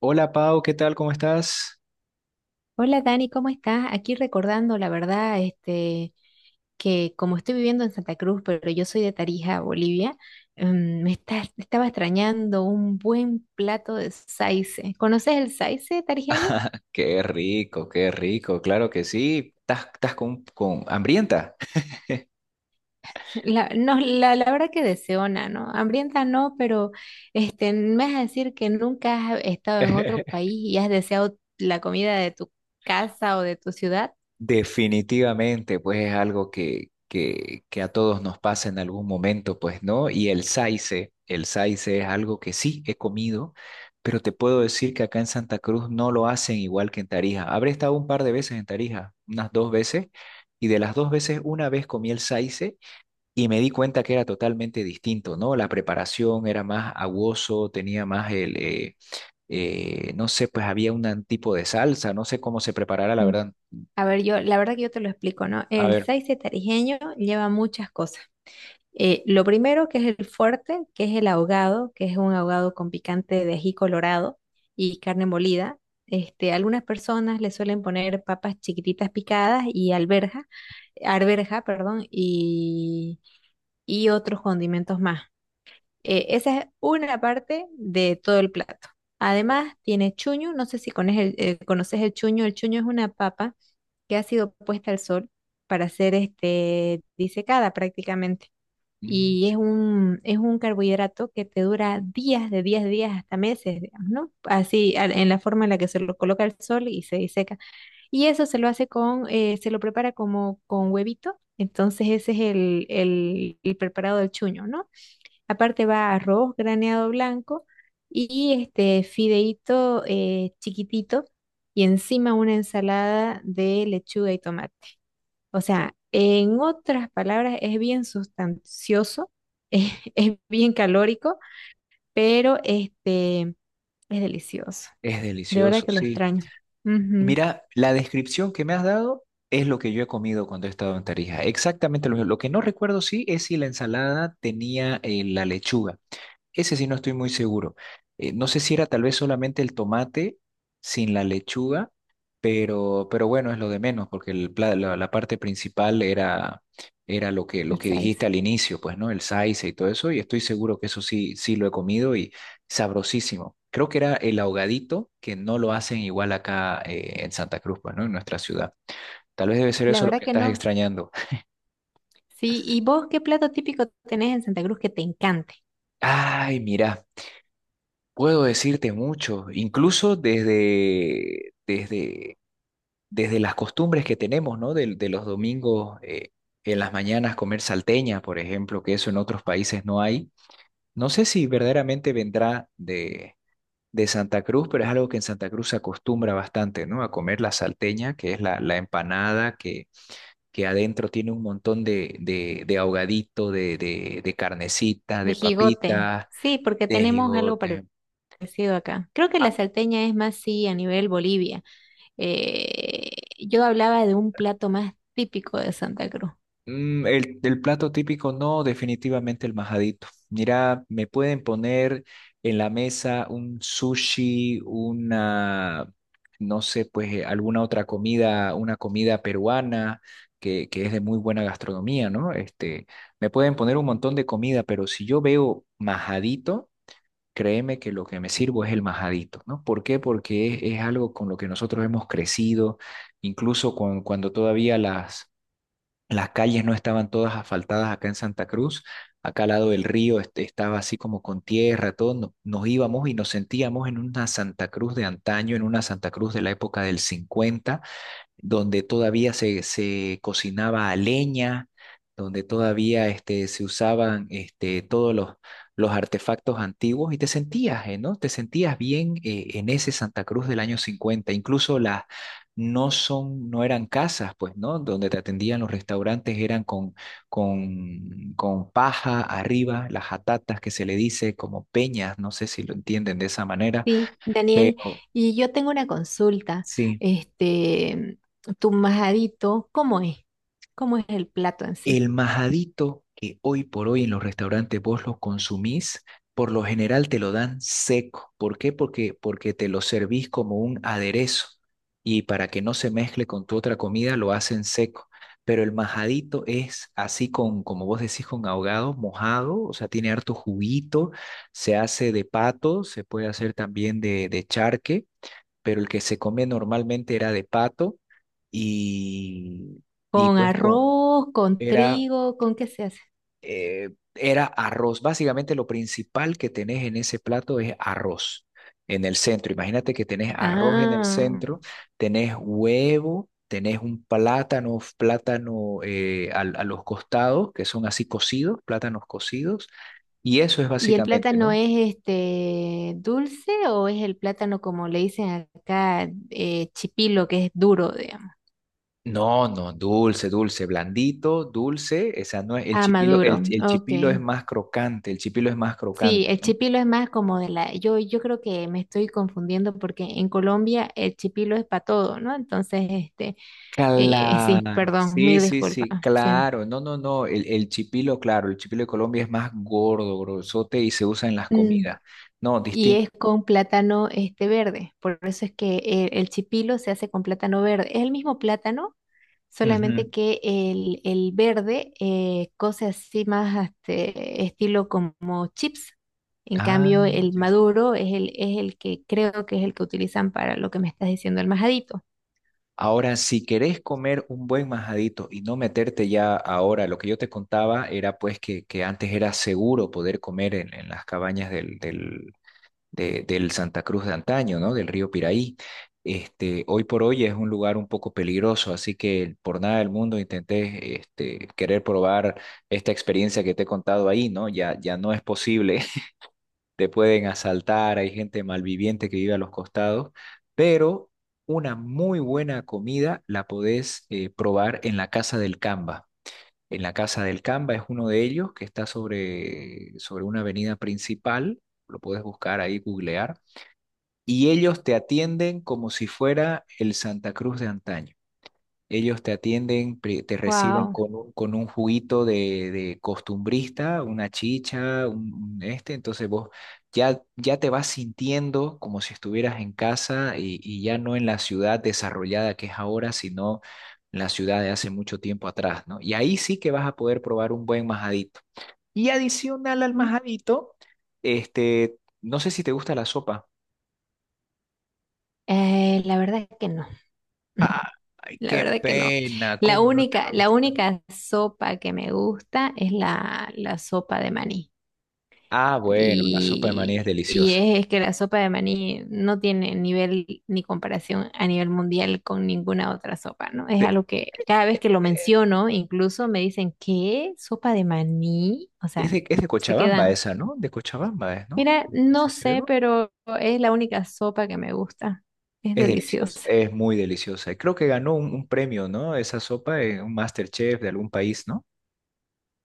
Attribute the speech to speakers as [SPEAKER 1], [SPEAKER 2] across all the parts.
[SPEAKER 1] Hola Pau, ¿qué tal? ¿Cómo estás?
[SPEAKER 2] Hola Dani, ¿cómo estás? Aquí recordando, la verdad, que como estoy viviendo en Santa Cruz, pero yo soy de Tarija, Bolivia. Me estaba extrañando un buen plato de saice. ¿Conoces el saice tarijeño?
[SPEAKER 1] Qué rico, claro que sí. ¿Estás, estás con hambrienta?
[SPEAKER 2] No, la verdad que deseona, ¿no? Hambrienta no, pero me vas a decir que nunca has estado en otro país y has deseado la comida de tu casa o de tu ciudad.
[SPEAKER 1] Definitivamente, pues es algo que a todos nos pasa en algún momento, pues, ¿no? Y el saice es algo que sí he comido, pero te puedo decir que acá en Santa Cruz no lo hacen igual que en Tarija. Habré estado un par de veces en Tarija, unas dos veces, y de las dos veces, una vez comí el saice. Y me di cuenta que era totalmente distinto, ¿no? La preparación era más aguoso, tenía más el, no sé, pues había un tipo de salsa, no sé cómo se preparara, la
[SPEAKER 2] Mm.
[SPEAKER 1] verdad.
[SPEAKER 2] A ver, yo, la verdad que yo te lo explico, ¿no?
[SPEAKER 1] A
[SPEAKER 2] El
[SPEAKER 1] ver,
[SPEAKER 2] saice tarijeño lleva muchas cosas. Lo primero que es el fuerte, que es el ahogado, que es un ahogado con picante de ají colorado y carne molida. Algunas personas le suelen poner papas chiquititas picadas y alberja, arberja, perdón, y otros condimentos más. Esa es una parte de todo el plato. Además, tiene chuño, no sé si cones conoces el chuño. El chuño es una papa que ha sido puesta al sol para ser este, disecada prácticamente
[SPEAKER 1] mm,
[SPEAKER 2] y es es un carbohidrato que te dura días, de 10 días hasta meses, digamos, ¿no? Así, en la forma en la que se lo coloca al sol y se diseca. Y eso se lo hace se lo prepara como con huevito. Entonces ese es el preparado del chuño, ¿no? Aparte va arroz graneado blanco y este fideíto chiquitito y encima una ensalada de lechuga y tomate. O sea, en otras palabras, es bien sustancioso, es bien calórico, pero este es delicioso.
[SPEAKER 1] es
[SPEAKER 2] De verdad
[SPEAKER 1] delicioso,
[SPEAKER 2] que lo
[SPEAKER 1] sí.
[SPEAKER 2] extraño. Ujú,
[SPEAKER 1] Mira, la descripción que me has dado es lo que yo he comido cuando he estado en Tarija. Exactamente lo mismo. Lo que no recuerdo, sí, es si la ensalada tenía la lechuga. Ese sí no estoy muy seguro. No sé si era tal vez solamente el tomate sin la lechuga, pero bueno, es lo de menos, porque la, la parte principal era, era lo
[SPEAKER 2] el
[SPEAKER 1] que dijiste
[SPEAKER 2] size.
[SPEAKER 1] al inicio, pues, ¿no? El saice y todo eso, y estoy seguro que eso sí, sí lo he comido y sabrosísimo. Creo que era el ahogadito, que no lo hacen igual acá en Santa Cruz, pues, ¿no? En nuestra ciudad. Tal vez debe ser
[SPEAKER 2] La
[SPEAKER 1] eso lo
[SPEAKER 2] verdad
[SPEAKER 1] que
[SPEAKER 2] que
[SPEAKER 1] estás
[SPEAKER 2] no.
[SPEAKER 1] extrañando.
[SPEAKER 2] Sí, ¿y vos qué plato típico tenés en Santa Cruz que te encante?
[SPEAKER 1] Ay, mira. Puedo decirte mucho, incluso desde las costumbres que tenemos, ¿no? De los domingos en las mañanas comer salteña, por ejemplo, que eso en otros países no hay. No sé si verdaderamente vendrá de Santa Cruz, pero es algo que en Santa Cruz se acostumbra bastante, ¿no? A comer la salteña, que es la empanada que adentro tiene un montón de ahogadito, de carnecita,
[SPEAKER 2] De
[SPEAKER 1] de
[SPEAKER 2] jigote.
[SPEAKER 1] papitas,
[SPEAKER 2] Sí, porque
[SPEAKER 1] de
[SPEAKER 2] tenemos algo
[SPEAKER 1] jigote.
[SPEAKER 2] parecido acá. Creo que la salteña es más, sí, a nivel Bolivia. Eh, yo hablaba de un plato más típico de Santa Cruz.
[SPEAKER 1] Mm, el plato típico, no, definitivamente el majadito. Mira, me pueden poner en la mesa un sushi, una, no sé, pues alguna otra comida, una comida peruana que es de muy buena gastronomía, ¿no? Este, me pueden poner un montón de comida, pero si yo veo majadito, créeme que lo que me sirvo es el majadito, ¿no? ¿Por qué? Porque es algo con lo que nosotros hemos crecido, incluso cuando todavía las calles no estaban todas asfaltadas acá en Santa Cruz. Acá al lado del río este, estaba así como con tierra, todo. Nos íbamos y nos sentíamos en una Santa Cruz de antaño, en una Santa Cruz de la época del cincuenta, donde todavía se cocinaba a leña, donde todavía este, se usaban este, todos los artefactos antiguos y te sentías, ¿no? Te sentías bien en ese Santa Cruz del año 50. Incluso las no son, no eran casas, pues, ¿no? Donde te atendían los restaurantes eran con paja arriba, las jatatas que se le dice como peñas, no sé si lo entienden de esa manera,
[SPEAKER 2] Sí, Daniel,
[SPEAKER 1] pero...
[SPEAKER 2] y yo tengo una consulta.
[SPEAKER 1] Sí.
[SPEAKER 2] Este, Tu majadito, ¿cómo es? ¿Cómo es el plato en sí?
[SPEAKER 1] El majadito que hoy por hoy en los restaurantes vos lo consumís, por lo general te lo dan seco. ¿Por qué? Porque, porque te lo servís como un aderezo y para que no se mezcle con tu otra comida lo hacen seco. Pero el majadito es así con, como vos decís, con ahogado, mojado, o sea, tiene harto juguito, se hace de pato, se puede hacer también de charque, pero el que se come normalmente era de pato y, y
[SPEAKER 2] ¿Con
[SPEAKER 1] pues con,
[SPEAKER 2] arroz, con
[SPEAKER 1] era
[SPEAKER 2] trigo, con qué se hace?
[SPEAKER 1] eh, era arroz. Básicamente lo principal que tenés en ese plato es arroz en el centro. Imagínate que tenés arroz en el
[SPEAKER 2] Ah,
[SPEAKER 1] centro, tenés huevo, tenés un plátano, plátano a los costados, que son así cocidos, plátanos cocidos, y eso es
[SPEAKER 2] ¿y el
[SPEAKER 1] básicamente,
[SPEAKER 2] plátano
[SPEAKER 1] ¿no?
[SPEAKER 2] es este dulce o es el plátano como le dicen acá, chipilo, que es duro, digamos?
[SPEAKER 1] No, no, dulce, dulce, blandito, dulce, esa no es, el
[SPEAKER 2] Ah,
[SPEAKER 1] chipilo,
[SPEAKER 2] maduro,
[SPEAKER 1] el
[SPEAKER 2] ok.
[SPEAKER 1] chipilo es más crocante, el chipilo es más
[SPEAKER 2] Sí,
[SPEAKER 1] crocante,
[SPEAKER 2] el
[SPEAKER 1] ¿no?
[SPEAKER 2] chipilo es más como de la, yo creo que me estoy confundiendo porque en Colombia el chipilo es para todo, ¿no? Entonces, sí,
[SPEAKER 1] Claro,
[SPEAKER 2] perdón,
[SPEAKER 1] sí,
[SPEAKER 2] mil
[SPEAKER 1] sí,
[SPEAKER 2] disculpas.
[SPEAKER 1] sí,
[SPEAKER 2] Sí.
[SPEAKER 1] claro. No, no, no. El chipilo, claro, el chipilo de Colombia es más gordo, grosote y se usa en las
[SPEAKER 2] Mm,
[SPEAKER 1] comidas. No,
[SPEAKER 2] y
[SPEAKER 1] distinto.
[SPEAKER 2] es con plátano este verde. Por eso es que chipilo se hace con plátano verde. Es el mismo plátano, solamente
[SPEAKER 1] Ujú.
[SPEAKER 2] que el verde cose así más este, estilo como chips. En
[SPEAKER 1] Ah,
[SPEAKER 2] cambio, el
[SPEAKER 1] ya sé.
[SPEAKER 2] maduro es es el que creo que es el que utilizan para lo que me estás diciendo, el majadito.
[SPEAKER 1] Ahora, si querés comer un buen majadito y no meterte ya ahora, lo que yo te contaba era pues que antes era seguro poder comer en las cabañas del Santa Cruz de antaño, ¿no? Del río Piraí. Este, hoy por hoy es un lugar un poco peligroso, así que por nada del mundo intenté este, querer probar esta experiencia que te he contado ahí, ¿no? Ya, ya no es posible. Te pueden asaltar, hay gente malviviente que vive a los costados, pero una muy buena comida la podés probar en la Casa del Camba. En la Casa del Camba es uno de ellos que está sobre una avenida principal, lo puedes buscar ahí, googlear, y ellos te atienden como si fuera el Santa Cruz de antaño. Ellos te atienden, te reciben
[SPEAKER 2] Wow.
[SPEAKER 1] con un juguito de costumbrista, una chicha, un este, entonces vos ya, ya te vas sintiendo como si estuvieras en casa y ya no en la ciudad desarrollada que es ahora, sino la ciudad de hace mucho tiempo atrás, ¿no? Y ahí sí que vas a poder probar un buen majadito. Y adicional al
[SPEAKER 2] Mm.
[SPEAKER 1] majadito, este, no sé si te gusta la sopa.
[SPEAKER 2] La verdad que no,
[SPEAKER 1] Ah, ay,
[SPEAKER 2] la
[SPEAKER 1] qué
[SPEAKER 2] verdad que no.
[SPEAKER 1] pena, ¿cómo no te va a
[SPEAKER 2] La
[SPEAKER 1] gustar?
[SPEAKER 2] única sopa que me gusta es la sopa de maní.
[SPEAKER 1] Ah, bueno, la sopa de maní es
[SPEAKER 2] Y,
[SPEAKER 1] deliciosa.
[SPEAKER 2] es que la sopa de maní no tiene nivel ni comparación a nivel mundial con ninguna otra sopa, ¿no? Es
[SPEAKER 1] Pe-
[SPEAKER 2] algo que cada vez que lo
[SPEAKER 1] eh,
[SPEAKER 2] menciono, incluso me dicen, ¿qué? ¿Sopa de maní? O
[SPEAKER 1] es
[SPEAKER 2] sea,
[SPEAKER 1] es de
[SPEAKER 2] se
[SPEAKER 1] Cochabamba
[SPEAKER 2] quedan.
[SPEAKER 1] esa, ¿no? De Cochabamba es, ¿no?
[SPEAKER 2] Mira,
[SPEAKER 1] Que
[SPEAKER 2] no
[SPEAKER 1] se
[SPEAKER 2] sé,
[SPEAKER 1] creó.
[SPEAKER 2] pero es la única sopa que me gusta. Es
[SPEAKER 1] Es deliciosa,
[SPEAKER 2] deliciosa.
[SPEAKER 1] es muy deliciosa. Y creo que ganó un premio, ¿no? Esa sopa, en un MasterChef de algún país, ¿no?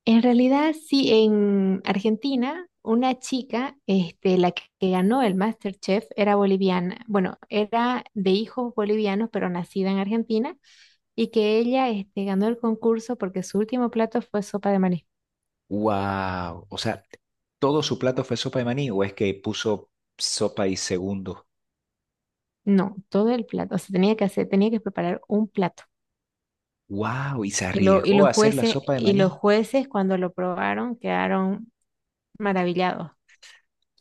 [SPEAKER 2] En realidad, sí, en Argentina, una chica, la que ganó el MasterChef, era boliviana. Bueno, era de hijos bolivianos, pero nacida en Argentina, y que ella, ganó el concurso porque su último plato fue sopa de maní.
[SPEAKER 1] Wow, o sea, ¿todo su plato fue sopa de maní o es que puso sopa y segundo?
[SPEAKER 2] No, todo el plato. O sea, tenía que hacer, tenía que preparar un plato.
[SPEAKER 1] Wow, y se
[SPEAKER 2] Y lo,
[SPEAKER 1] arriesgó a hacer la sopa de
[SPEAKER 2] y los
[SPEAKER 1] maní.
[SPEAKER 2] jueces cuando lo probaron quedaron maravillados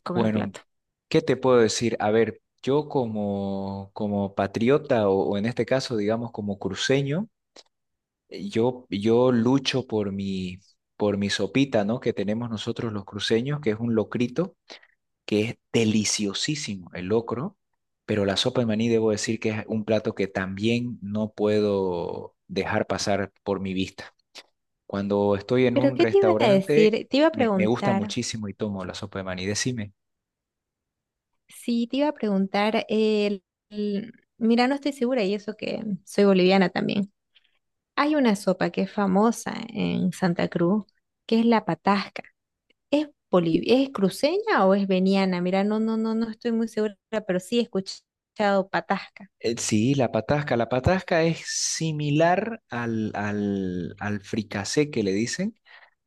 [SPEAKER 2] con el
[SPEAKER 1] Bueno,
[SPEAKER 2] plato.
[SPEAKER 1] ¿qué te puedo decir? A ver, yo como, como patriota o en este caso, digamos, como cruceño, yo, yo lucho por mi sopita, ¿no? Que tenemos nosotros los cruceños, que es un locrito, que es deliciosísimo el locro, pero la sopa de maní debo decir que es un plato que también no puedo dejar pasar por mi vista. Cuando estoy en
[SPEAKER 2] Pero
[SPEAKER 1] un
[SPEAKER 2] ¿qué te iba a
[SPEAKER 1] restaurante,
[SPEAKER 2] decir? Te iba a
[SPEAKER 1] me gusta
[SPEAKER 2] preguntar.
[SPEAKER 1] muchísimo y tomo la sopa de maní. Decime.
[SPEAKER 2] Sí, te iba a preguntar, mira, no estoy segura y eso que soy boliviana también. Hay una sopa que es famosa en Santa Cruz, que es la patasca. ¿Es es cruceña o es veniana? Mira, no, no, no, no estoy muy segura, pero sí he escuchado patasca.
[SPEAKER 1] Sí, la patasca. La patasca es similar al fricasé que le dicen,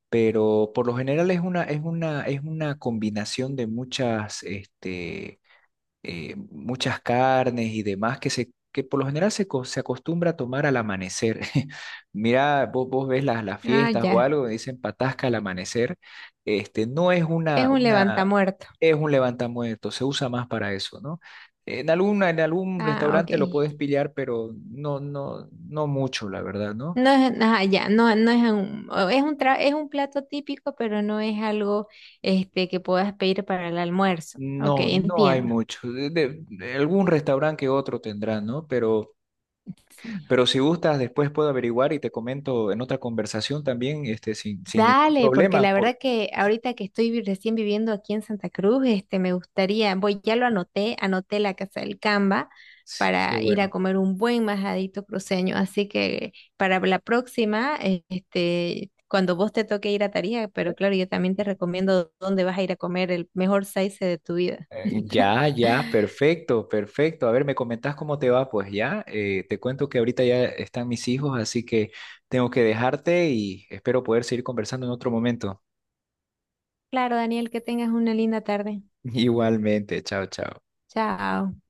[SPEAKER 1] pero por lo general es una, es una combinación de muchas, muchas carnes y demás que se que por lo general se se acostumbra a tomar al amanecer. Mira, vos, vos ves las
[SPEAKER 2] Ah,
[SPEAKER 1] fiestas o
[SPEAKER 2] ya,
[SPEAKER 1] algo, dicen patasca al amanecer. Este, no es
[SPEAKER 2] es un
[SPEAKER 1] una,
[SPEAKER 2] levantamuerto.
[SPEAKER 1] es un levantamuerto, se usa más para eso, ¿no? En alguna, en algún
[SPEAKER 2] Ah, ok.
[SPEAKER 1] restaurante lo puedes pillar, pero no, no, no mucho, la verdad, ¿no?
[SPEAKER 2] No es, ah, ya, no, no es un, o es un es un plato típico, pero no es algo este que puedas pedir para el almuerzo. Ok,
[SPEAKER 1] No, no hay
[SPEAKER 2] entiendo.
[SPEAKER 1] mucho. De algún restaurante que otro tendrá, ¿no? Pero
[SPEAKER 2] Sí.
[SPEAKER 1] Pero si gustas, después puedo averiguar y te comento en otra conversación también, este, sin, sin ningún
[SPEAKER 2] Dale, porque la
[SPEAKER 1] problema,
[SPEAKER 2] verdad
[SPEAKER 1] porque
[SPEAKER 2] que ahorita que estoy recién viviendo aquí en Santa Cruz, me gustaría, voy, ya lo anoté, anoté la Casa del Camba
[SPEAKER 1] qué
[SPEAKER 2] para ir a
[SPEAKER 1] bueno.
[SPEAKER 2] comer un buen majadito cruceño, así que para la próxima, cuando vos te toque ir a Tarija, pero
[SPEAKER 1] Eh,
[SPEAKER 2] claro, yo también te recomiendo dónde vas a ir a comer el mejor saice de tu vida.
[SPEAKER 1] Ya, ya, perfecto, perfecto. A ver, me comentás cómo te va, pues ya. Te cuento que ahorita ya están mis hijos, así que tengo que dejarte y espero poder seguir conversando en otro momento.
[SPEAKER 2] Claro, Daniel, que tengas una linda tarde.
[SPEAKER 1] Igualmente, chao, chao.
[SPEAKER 2] Chao.